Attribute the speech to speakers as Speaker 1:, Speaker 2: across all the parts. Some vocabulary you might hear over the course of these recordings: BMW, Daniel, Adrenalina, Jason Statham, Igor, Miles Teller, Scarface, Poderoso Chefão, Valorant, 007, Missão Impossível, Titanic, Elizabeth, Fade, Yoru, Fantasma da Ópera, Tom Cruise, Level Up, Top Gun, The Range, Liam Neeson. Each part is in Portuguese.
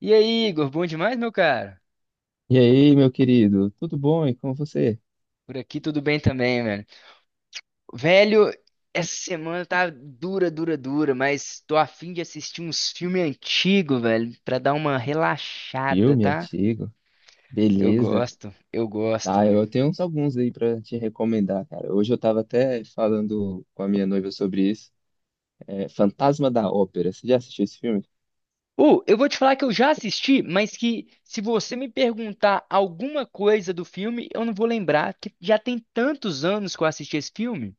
Speaker 1: E aí, Igor, bom demais, meu cara?
Speaker 2: E aí, meu querido, tudo bom? E com você?
Speaker 1: Por aqui tudo bem também, velho. Velho, essa semana tá dura, dura, dura, mas tô a fim de assistir uns filmes antigos, velho, pra dar uma relaxada,
Speaker 2: Filme
Speaker 1: tá?
Speaker 2: antigo, beleza?
Speaker 1: Eu gosto,
Speaker 2: Tá,
Speaker 1: velho.
Speaker 2: eu tenho uns alguns aí pra te recomendar, cara. Hoje eu tava até falando com a minha noiva sobre isso. É Fantasma da Ópera. Você já assistiu esse filme?
Speaker 1: Eu vou te falar que eu já assisti, mas que se você me perguntar alguma coisa do filme, eu não vou lembrar, que já tem tantos anos que eu assisti esse filme.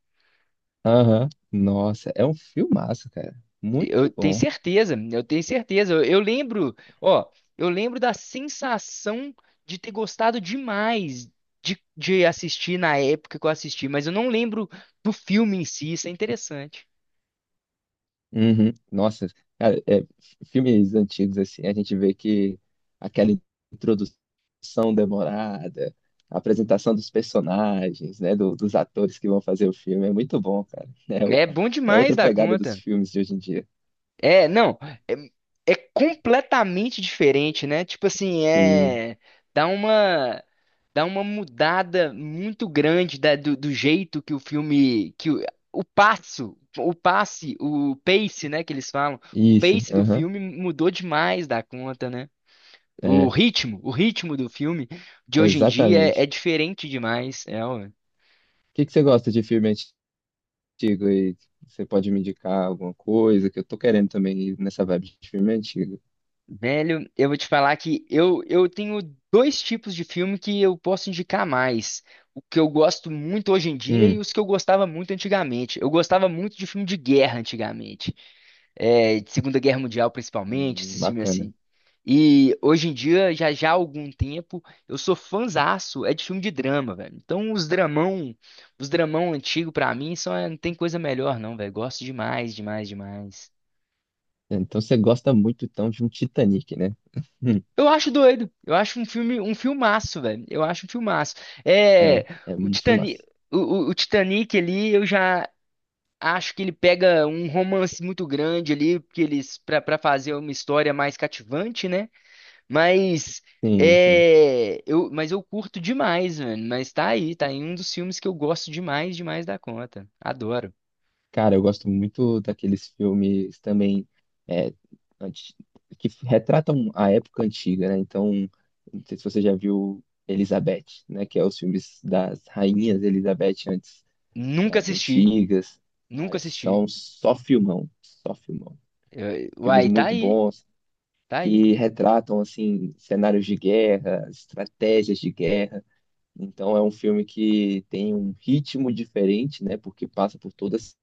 Speaker 2: Aham. Nossa, é um filmaço, cara.
Speaker 1: Eu
Speaker 2: Muito
Speaker 1: tenho
Speaker 2: bom.
Speaker 1: certeza, eu tenho certeza. Eu lembro, ó, eu lembro da sensação de ter gostado demais de assistir na época que eu assisti, mas eu não lembro do filme em si, isso é interessante.
Speaker 2: Uhum. Nossa, cara, é, filmes antigos assim, a gente vê que aquela introdução demorada, a apresentação dos personagens, né, dos atores que vão fazer o filme é muito bom, cara. É, o-
Speaker 1: É bom
Speaker 2: é
Speaker 1: demais
Speaker 2: outra
Speaker 1: da
Speaker 2: pegada dos
Speaker 1: conta.
Speaker 2: filmes de hoje em dia.
Speaker 1: É, não, é, é completamente diferente, né? Tipo assim,
Speaker 2: Sim,
Speaker 1: dá uma dá uma mudada muito grande da- do jeito que o filme, que o, passo, o passe, o pace, né, que eles falam, o
Speaker 2: isso,
Speaker 1: pace do
Speaker 2: aham,
Speaker 1: filme mudou demais da conta, né?
Speaker 2: é,
Speaker 1: O ritmo do filme de hoje em dia é, é
Speaker 2: exatamente.
Speaker 1: diferente demais, é.
Speaker 2: O que você gosta de filme antigo aí? Você pode me indicar alguma coisa que eu tô querendo também ir nessa vibe de filme antigo?
Speaker 1: Velho, eu vou te falar que eu tenho dois tipos de filme que eu posso indicar mais. O que eu gosto muito hoje em dia e
Speaker 2: Hum,
Speaker 1: os que eu gostava muito antigamente. Eu gostava muito de filme de guerra antigamente. É, de Segunda Guerra Mundial, principalmente, esses filmes
Speaker 2: bacana.
Speaker 1: assim. E hoje em dia, já já há algum tempo, eu sou fãzaço, é de filme de drama, velho. Então, os dramão antigo pra mim, não tem coisa melhor, não, velho. Gosto demais, demais, demais.
Speaker 2: Então você gosta muito então de um Titanic, né? Hum,
Speaker 1: Eu acho doido. Eu acho um filme, um filmaço, velho. Eu acho um filmaço. É,
Speaker 2: é, é
Speaker 1: o
Speaker 2: um
Speaker 1: Titanic,
Speaker 2: filmaço.
Speaker 1: o Titanic ali, eu já acho que ele pega um romance muito grande ali, porque eles para fazer uma história mais cativante, né? Mas
Speaker 2: Sim, sim.
Speaker 1: é, eu, mas eu curto demais, mano. Mas tá aí um dos filmes que eu gosto demais, demais da conta. Adoro.
Speaker 2: Cara, eu gosto muito daqueles filmes também é, anti- que retratam a época antiga, né? Então, não sei se você já viu Elizabeth, né? Que é os filmes das rainhas Elizabeth antes
Speaker 1: Nunca
Speaker 2: das
Speaker 1: assisti,
Speaker 2: antigas.
Speaker 1: nunca
Speaker 2: Cara,
Speaker 1: assisti.
Speaker 2: são só filmão, só filmão. Filmes
Speaker 1: Uai, tá
Speaker 2: muito
Speaker 1: aí,
Speaker 2: bons
Speaker 1: tá aí.
Speaker 2: que retratam, assim, cenários de guerra, estratégias de guerra. Então é um filme que tem um ritmo diferente, né? Porque passa por toda essa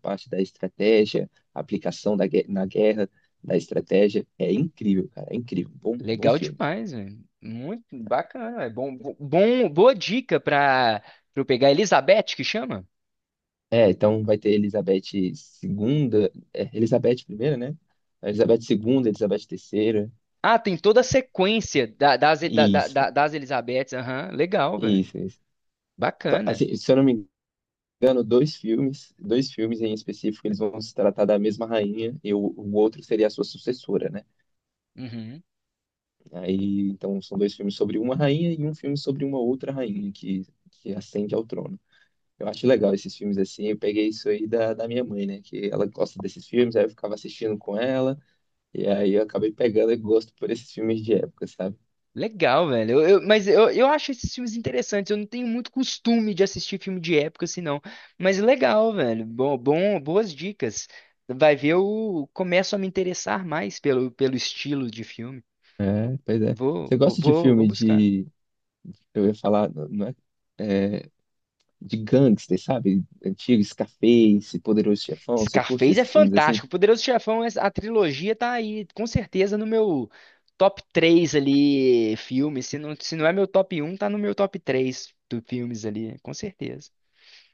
Speaker 2: parte da estratégia, aplicação da, gue- na guerra, da estratégia. É incrível, cara, é incrível. Bom, bom
Speaker 1: Legal
Speaker 2: filme.
Speaker 1: demais, velho. Muito bacana, é bom, boa dica para eu pegar Elizabeth que chama.
Speaker 2: É, então vai ter Elizabeth segunda, é, Elizabeth primeira, né? Elizabeth segunda, Elizabeth terceira.
Speaker 1: Ah, tem toda a sequência da- das, da- da-
Speaker 2: Isso,
Speaker 1: da- das Elizabeths. Aham, legal, velho.
Speaker 2: isso, isso. Só-
Speaker 1: Bacana.
Speaker 2: assim, se eu não me engano, dois filmes em específico, eles vão se tratar da mesma rainha e o outro seria a sua sucessora, né?
Speaker 1: Uhum.
Speaker 2: Aí, então, são dois filmes sobre uma rainha e um filme sobre uma outra rainha que ascende ao trono. Eu acho legal esses filmes assim. Eu peguei isso aí da minha mãe, né? Que ela gosta desses filmes, aí eu ficava assistindo com ela, e aí eu acabei pegando e gosto por esses filmes de época, sabe?
Speaker 1: Legal, velho. Mas eu acho esses filmes interessantes. Eu não tenho muito costume de assistir filme de época, assim, não. Mas legal, velho. Bom, bom, boas dicas. Vai ver, eu começo a me interessar mais pelo estilo de filme.
Speaker 2: É, pois é.
Speaker 1: Vou,
Speaker 2: Você
Speaker 1: vou,
Speaker 2: gosta de
Speaker 1: vou, vou
Speaker 2: filme
Speaker 1: buscar.
Speaker 2: de. Eu ia falar, não é? É, de gangster, sabe? Antigo, Scarface, Poderoso Chefão. Você curte
Speaker 1: Scarface é
Speaker 2: esses filmes assim?
Speaker 1: fantástico. Poderoso Chefão, a trilogia tá aí, com certeza, no meu top 3 ali, filmes. Se não, se não é meu top um, tá no meu top 3 do filmes ali, com certeza.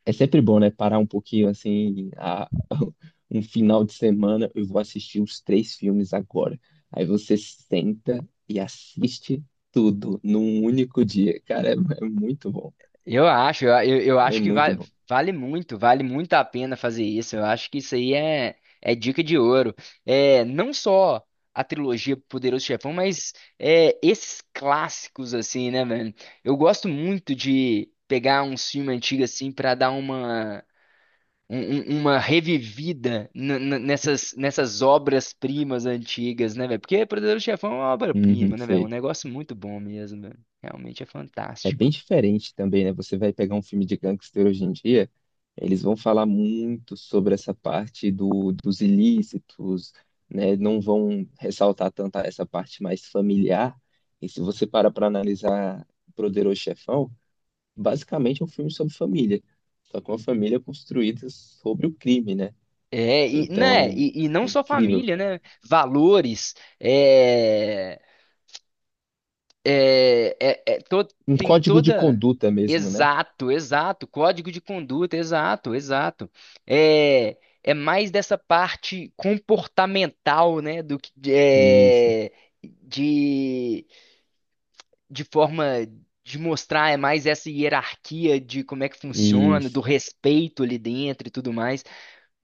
Speaker 2: É sempre bom, né? Parar um pouquinho assim, a- um final de semana, eu vou assistir os três filmes agora. Aí você senta e assiste tudo num único dia. Cara, é, é muito bom.
Speaker 1: Eu acho, eu, eu eu
Speaker 2: É
Speaker 1: acho que
Speaker 2: muito bom.
Speaker 1: vale muito, vale muito a pena fazer isso. Eu acho que isso aí é dica de ouro. É, não só a trilogia Poderoso Chefão, mas esses clássicos, assim, né, velho? Eu gosto muito de pegar um filme antigo, assim, pra dar uma revivida nessas obras-primas antigas, né, velho? Porque Poderoso Chefão é uma
Speaker 2: Uhum,
Speaker 1: obra-prima, né, velho? É um
Speaker 2: sei.
Speaker 1: negócio muito bom mesmo, velho. Realmente é
Speaker 2: É
Speaker 1: fantástico.
Speaker 2: bem diferente também, né? Você vai pegar um filme de gangster hoje em dia, eles vão falar muito sobre essa parte dos ilícitos, né? Não vão ressaltar tanto essa parte mais familiar. E se você para analisar Poderoso Chefão, basicamente é um filme sobre família, só que uma família construída sobre o crime, né?
Speaker 1: É, e, né,
Speaker 2: Então,
Speaker 1: e
Speaker 2: é
Speaker 1: não só
Speaker 2: incrível,
Speaker 1: família,
Speaker 2: cara.
Speaker 1: né? Valores, é, É, é, é to-
Speaker 2: Um
Speaker 1: tem
Speaker 2: código de
Speaker 1: toda.
Speaker 2: conduta mesmo, né?
Speaker 1: Exato, exato. Código de conduta, exato, exato. É mais dessa parte comportamental, né? Do que
Speaker 2: Isso.
Speaker 1: de, de forma de mostrar, é mais essa hierarquia de como é que
Speaker 2: E
Speaker 1: funciona, do respeito ali dentro e tudo mais.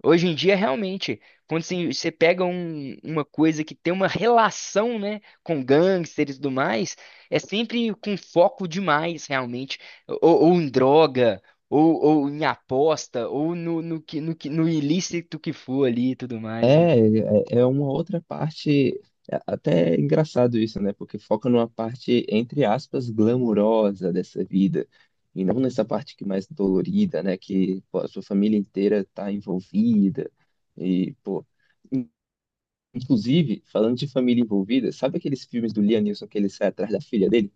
Speaker 1: Hoje em dia, realmente, quando você pega uma coisa que tem uma relação, né, com gangsters e tudo mais, é sempre com foco demais, realmente, ou, ou, em droga, ou, ou em aposta, ou no ilícito que for ali e tudo
Speaker 2: é,
Speaker 1: mais, né?
Speaker 2: é é uma outra parte, é até engraçado isso, né? Porque foca numa parte, entre aspas, glamurosa dessa vida, e não nessa parte que é mais dolorida, né? Que pô, a sua família inteira tá envolvida, e, pô... in- Inclusive, falando de família envolvida, sabe aqueles filmes do Liam Neeson que ele sai atrás da filha dele?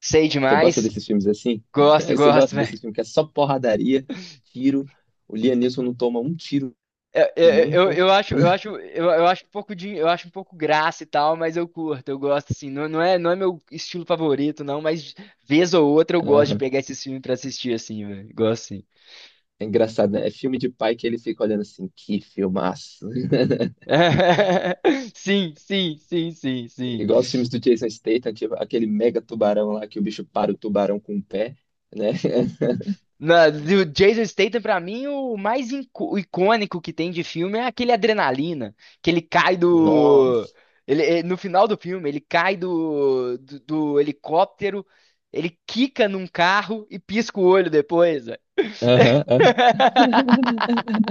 Speaker 1: Sei
Speaker 2: Você gosta
Speaker 1: demais,
Speaker 2: desses filmes assim?
Speaker 1: gosto,
Speaker 2: Você
Speaker 1: gosto.
Speaker 2: gosta desses filmes que é só porradaria, tiro, o Liam Neeson não toma um tiro
Speaker 1: É, é, é, Eu,
Speaker 2: nunca.
Speaker 1: eu, acho, eu acho, eu acho um pouco de, eu acho um pouco graça e tal, mas eu curto, eu gosto assim. Não, não é meu estilo favorito, não, mas vez ou outra eu gosto de pegar esses filmes pra assistir assim, velho. Gosto sim.
Speaker 2: É engraçado, né? É filme de pai que ele fica olhando assim, que filmaço.
Speaker 1: Sim, sim, sim, sim, sim.
Speaker 2: Igual os filmes do Jason Statham, tipo, aquele mega tubarão lá que o bicho para o tubarão com o pé, né?
Speaker 1: Do Jason Statham, pra mim, o mais icônico que tem de filme é aquele Adrenalina, que ele cai do...
Speaker 2: Nossa.
Speaker 1: No final do filme, ele cai do helicóptero, ele quica num carro e pisca o olho depois, velho.
Speaker 2: Aham, aham.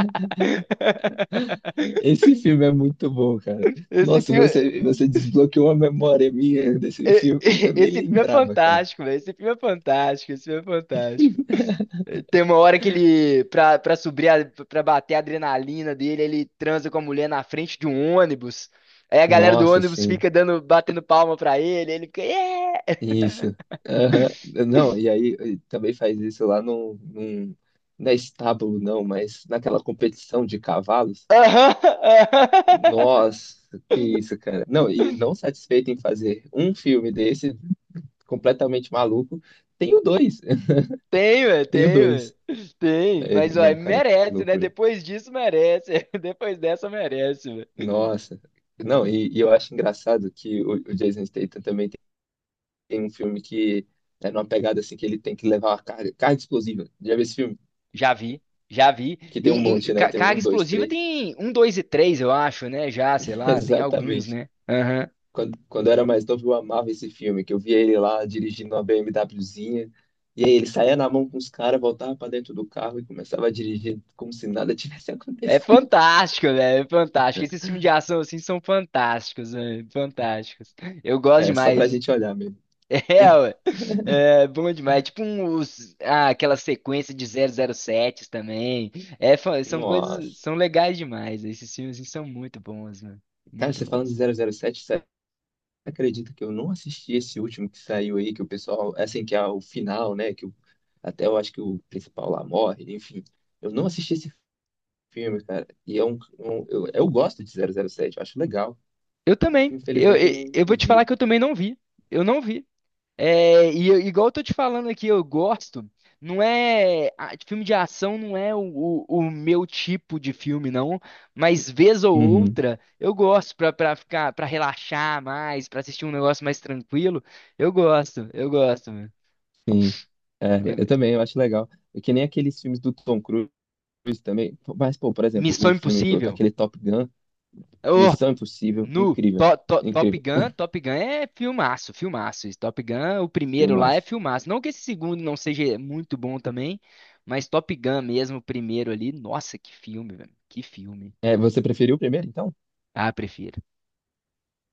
Speaker 2: Esse filme é muito bom, cara.
Speaker 1: Esse
Speaker 2: Nossa,
Speaker 1: filme,
Speaker 2: você desbloqueou a memória minha desse
Speaker 1: eh,
Speaker 2: filme que eu nem
Speaker 1: esse filme é
Speaker 2: lembrava, cara.
Speaker 1: fantástico, velho. Esse filme é fantástico, esse filme é fantástico. Tem uma hora que ele, pra subir, pra bater a adrenalina dele, ele transa com a mulher na frente de um ônibus. Aí a galera do
Speaker 2: Nossa,
Speaker 1: ônibus
Speaker 2: sim.
Speaker 1: fica dando, batendo palma pra ele, ele fica, yeah!
Speaker 2: Isso. Aham. Não, e aí e também faz isso lá num, não é estábulo, não, mas naquela competição de cavalos.
Speaker 1: Aham, aham.
Speaker 2: Nossa, que isso, cara. Não, e não satisfeito em fazer um filme desse, completamente maluco, tenho dois.
Speaker 1: Tem, velho,
Speaker 2: Tenho
Speaker 1: tem, velho.
Speaker 2: dois.
Speaker 1: Tem,
Speaker 2: É,
Speaker 1: mas, ó,
Speaker 2: não, cara, que
Speaker 1: merece, né?
Speaker 2: loucura.
Speaker 1: Depois disso, merece. Depois dessa, merece, velho.
Speaker 2: Nossa. Não, e eu acho engraçado que o Jason Statham também tem, tem um filme que é numa pegada assim que ele tem que levar uma carga, carga explosiva. Já vi esse filme?
Speaker 1: Já vi, já vi.
Speaker 2: Que tem um
Speaker 1: E
Speaker 2: monte, né? Tem
Speaker 1: carga
Speaker 2: um, dois,
Speaker 1: explosiva
Speaker 2: três.
Speaker 1: tem um, dois e três, eu acho, né? Já, sei lá, tem alguns,
Speaker 2: Exatamente.
Speaker 1: né? Aham.
Speaker 2: Quando eu era mais novo, eu amava esse filme, que eu via ele lá dirigindo uma BMWzinha. E aí ele saía na mão com os caras, voltava pra dentro do carro e começava a dirigir como se nada tivesse
Speaker 1: É
Speaker 2: acontecido.
Speaker 1: fantástico, velho. É fantástico. Esses filmes de ação assim são fantásticos, velho. Fantásticos. Eu gosto
Speaker 2: É, só pra
Speaker 1: demais.
Speaker 2: gente olhar mesmo.
Speaker 1: É, ué. É bom demais. Tipo um, aquela sequência de 007 também. É, são coisas,
Speaker 2: Nossa.
Speaker 1: são legais demais. Esses filmes assim, são muito bons, mano.
Speaker 2: Cara,
Speaker 1: Muito
Speaker 2: você falando de
Speaker 1: bons.
Speaker 2: 007, você acredita que eu não assisti esse último que saiu aí, que o pessoal, assim, que é o final, né? Que o- até eu acho que o principal lá morre, enfim. Eu não assisti esse filme, cara. E é um, um- eu gosto de 007, eu acho legal.
Speaker 1: Eu também. Eu,
Speaker 2: Infelizmente eu
Speaker 1: eu,
Speaker 2: não,
Speaker 1: eu
Speaker 2: não
Speaker 1: vou te falar
Speaker 2: vi.
Speaker 1: que eu também não vi. Eu não vi. É, igual eu tô te falando aqui, eu gosto. Não é, filme de ação não é o meu tipo de filme, não. Mas vez ou
Speaker 2: Uhum.
Speaker 1: outra, eu gosto pra ficar, pra relaxar mais, pra assistir um negócio mais tranquilo. Eu gosto, eu gosto, meu.
Speaker 2: Sim, é,
Speaker 1: Eh,
Speaker 2: eu também, eu acho legal. É que nem aqueles filmes do Tom Cruise também. Mas, pô, por exemplo, o
Speaker 1: Missão
Speaker 2: filme, o-
Speaker 1: Impossível.
Speaker 2: aquele Top Gun, Missão Impossível,
Speaker 1: No
Speaker 2: incrível,
Speaker 1: to, To- Top
Speaker 2: incrível,
Speaker 1: Gun, Top Gun é filmaço, filmaço. Esse Top Gun, o primeiro lá é
Speaker 2: filmaço.
Speaker 1: filmaço. Não que esse segundo não seja muito bom também, mas Top Gun mesmo, o primeiro ali, nossa, que filme, velho. Que filme.
Speaker 2: É, você preferiu o primeiro, então?
Speaker 1: Ah, prefiro,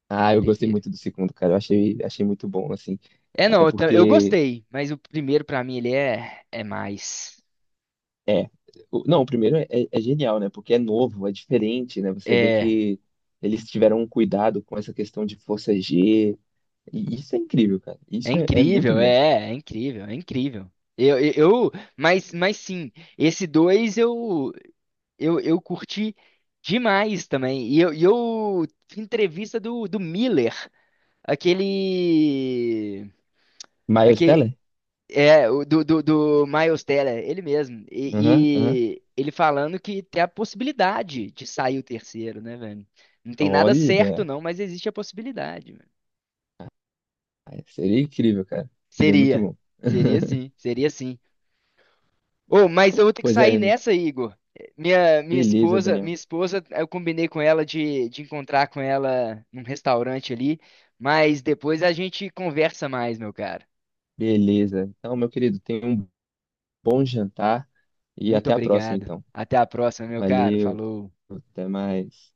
Speaker 2: Ah, eu gostei
Speaker 1: prefiro.
Speaker 2: muito do segundo, cara. Eu achei, achei muito bom, assim.
Speaker 1: É, não,
Speaker 2: Até
Speaker 1: eu
Speaker 2: porque,
Speaker 1: gostei, mas o primeiro pra mim ele é mais.
Speaker 2: é, o- não, o primeiro é, é é genial, né? Porque é novo, é diferente, né? Você vê
Speaker 1: É,
Speaker 2: que eles tiveram um cuidado com essa questão de força G. E isso é incrível, cara.
Speaker 1: é
Speaker 2: Isso é, é muito
Speaker 1: incrível,
Speaker 2: bom.
Speaker 1: é incrível, é incrível. Eu, eu, eu- mas sim, esse dois eu curti demais também. E eu entrevista do Miller, aquele,
Speaker 2: Miles
Speaker 1: aquele
Speaker 2: Teller?
Speaker 1: é o do Miles Teller, ele mesmo.
Speaker 2: Aham, aham.
Speaker 1: E ele falando que tem a possibilidade de sair o terceiro, né, velho? Não tem nada certo
Speaker 2: Olha,
Speaker 1: não, mas existe a possibilidade, velho.
Speaker 2: aí seria incrível, cara. Seria muito
Speaker 1: Seria,
Speaker 2: bom.
Speaker 1: seria sim, seria sim. Ô, mas eu vou ter que
Speaker 2: Pois
Speaker 1: sair
Speaker 2: é,
Speaker 1: nessa, Igor. Minha
Speaker 2: beleza,
Speaker 1: esposa,
Speaker 2: Daniel.
Speaker 1: minha esposa, eu combinei com ela de encontrar com ela num restaurante ali, mas depois a gente conversa mais, meu caro.
Speaker 2: Beleza. Então, meu querido, tenha um bom jantar e
Speaker 1: Muito
Speaker 2: até a próxima,
Speaker 1: obrigado.
Speaker 2: então.
Speaker 1: Até a próxima, meu caro.
Speaker 2: Valeu,
Speaker 1: Falou.
Speaker 2: até mais.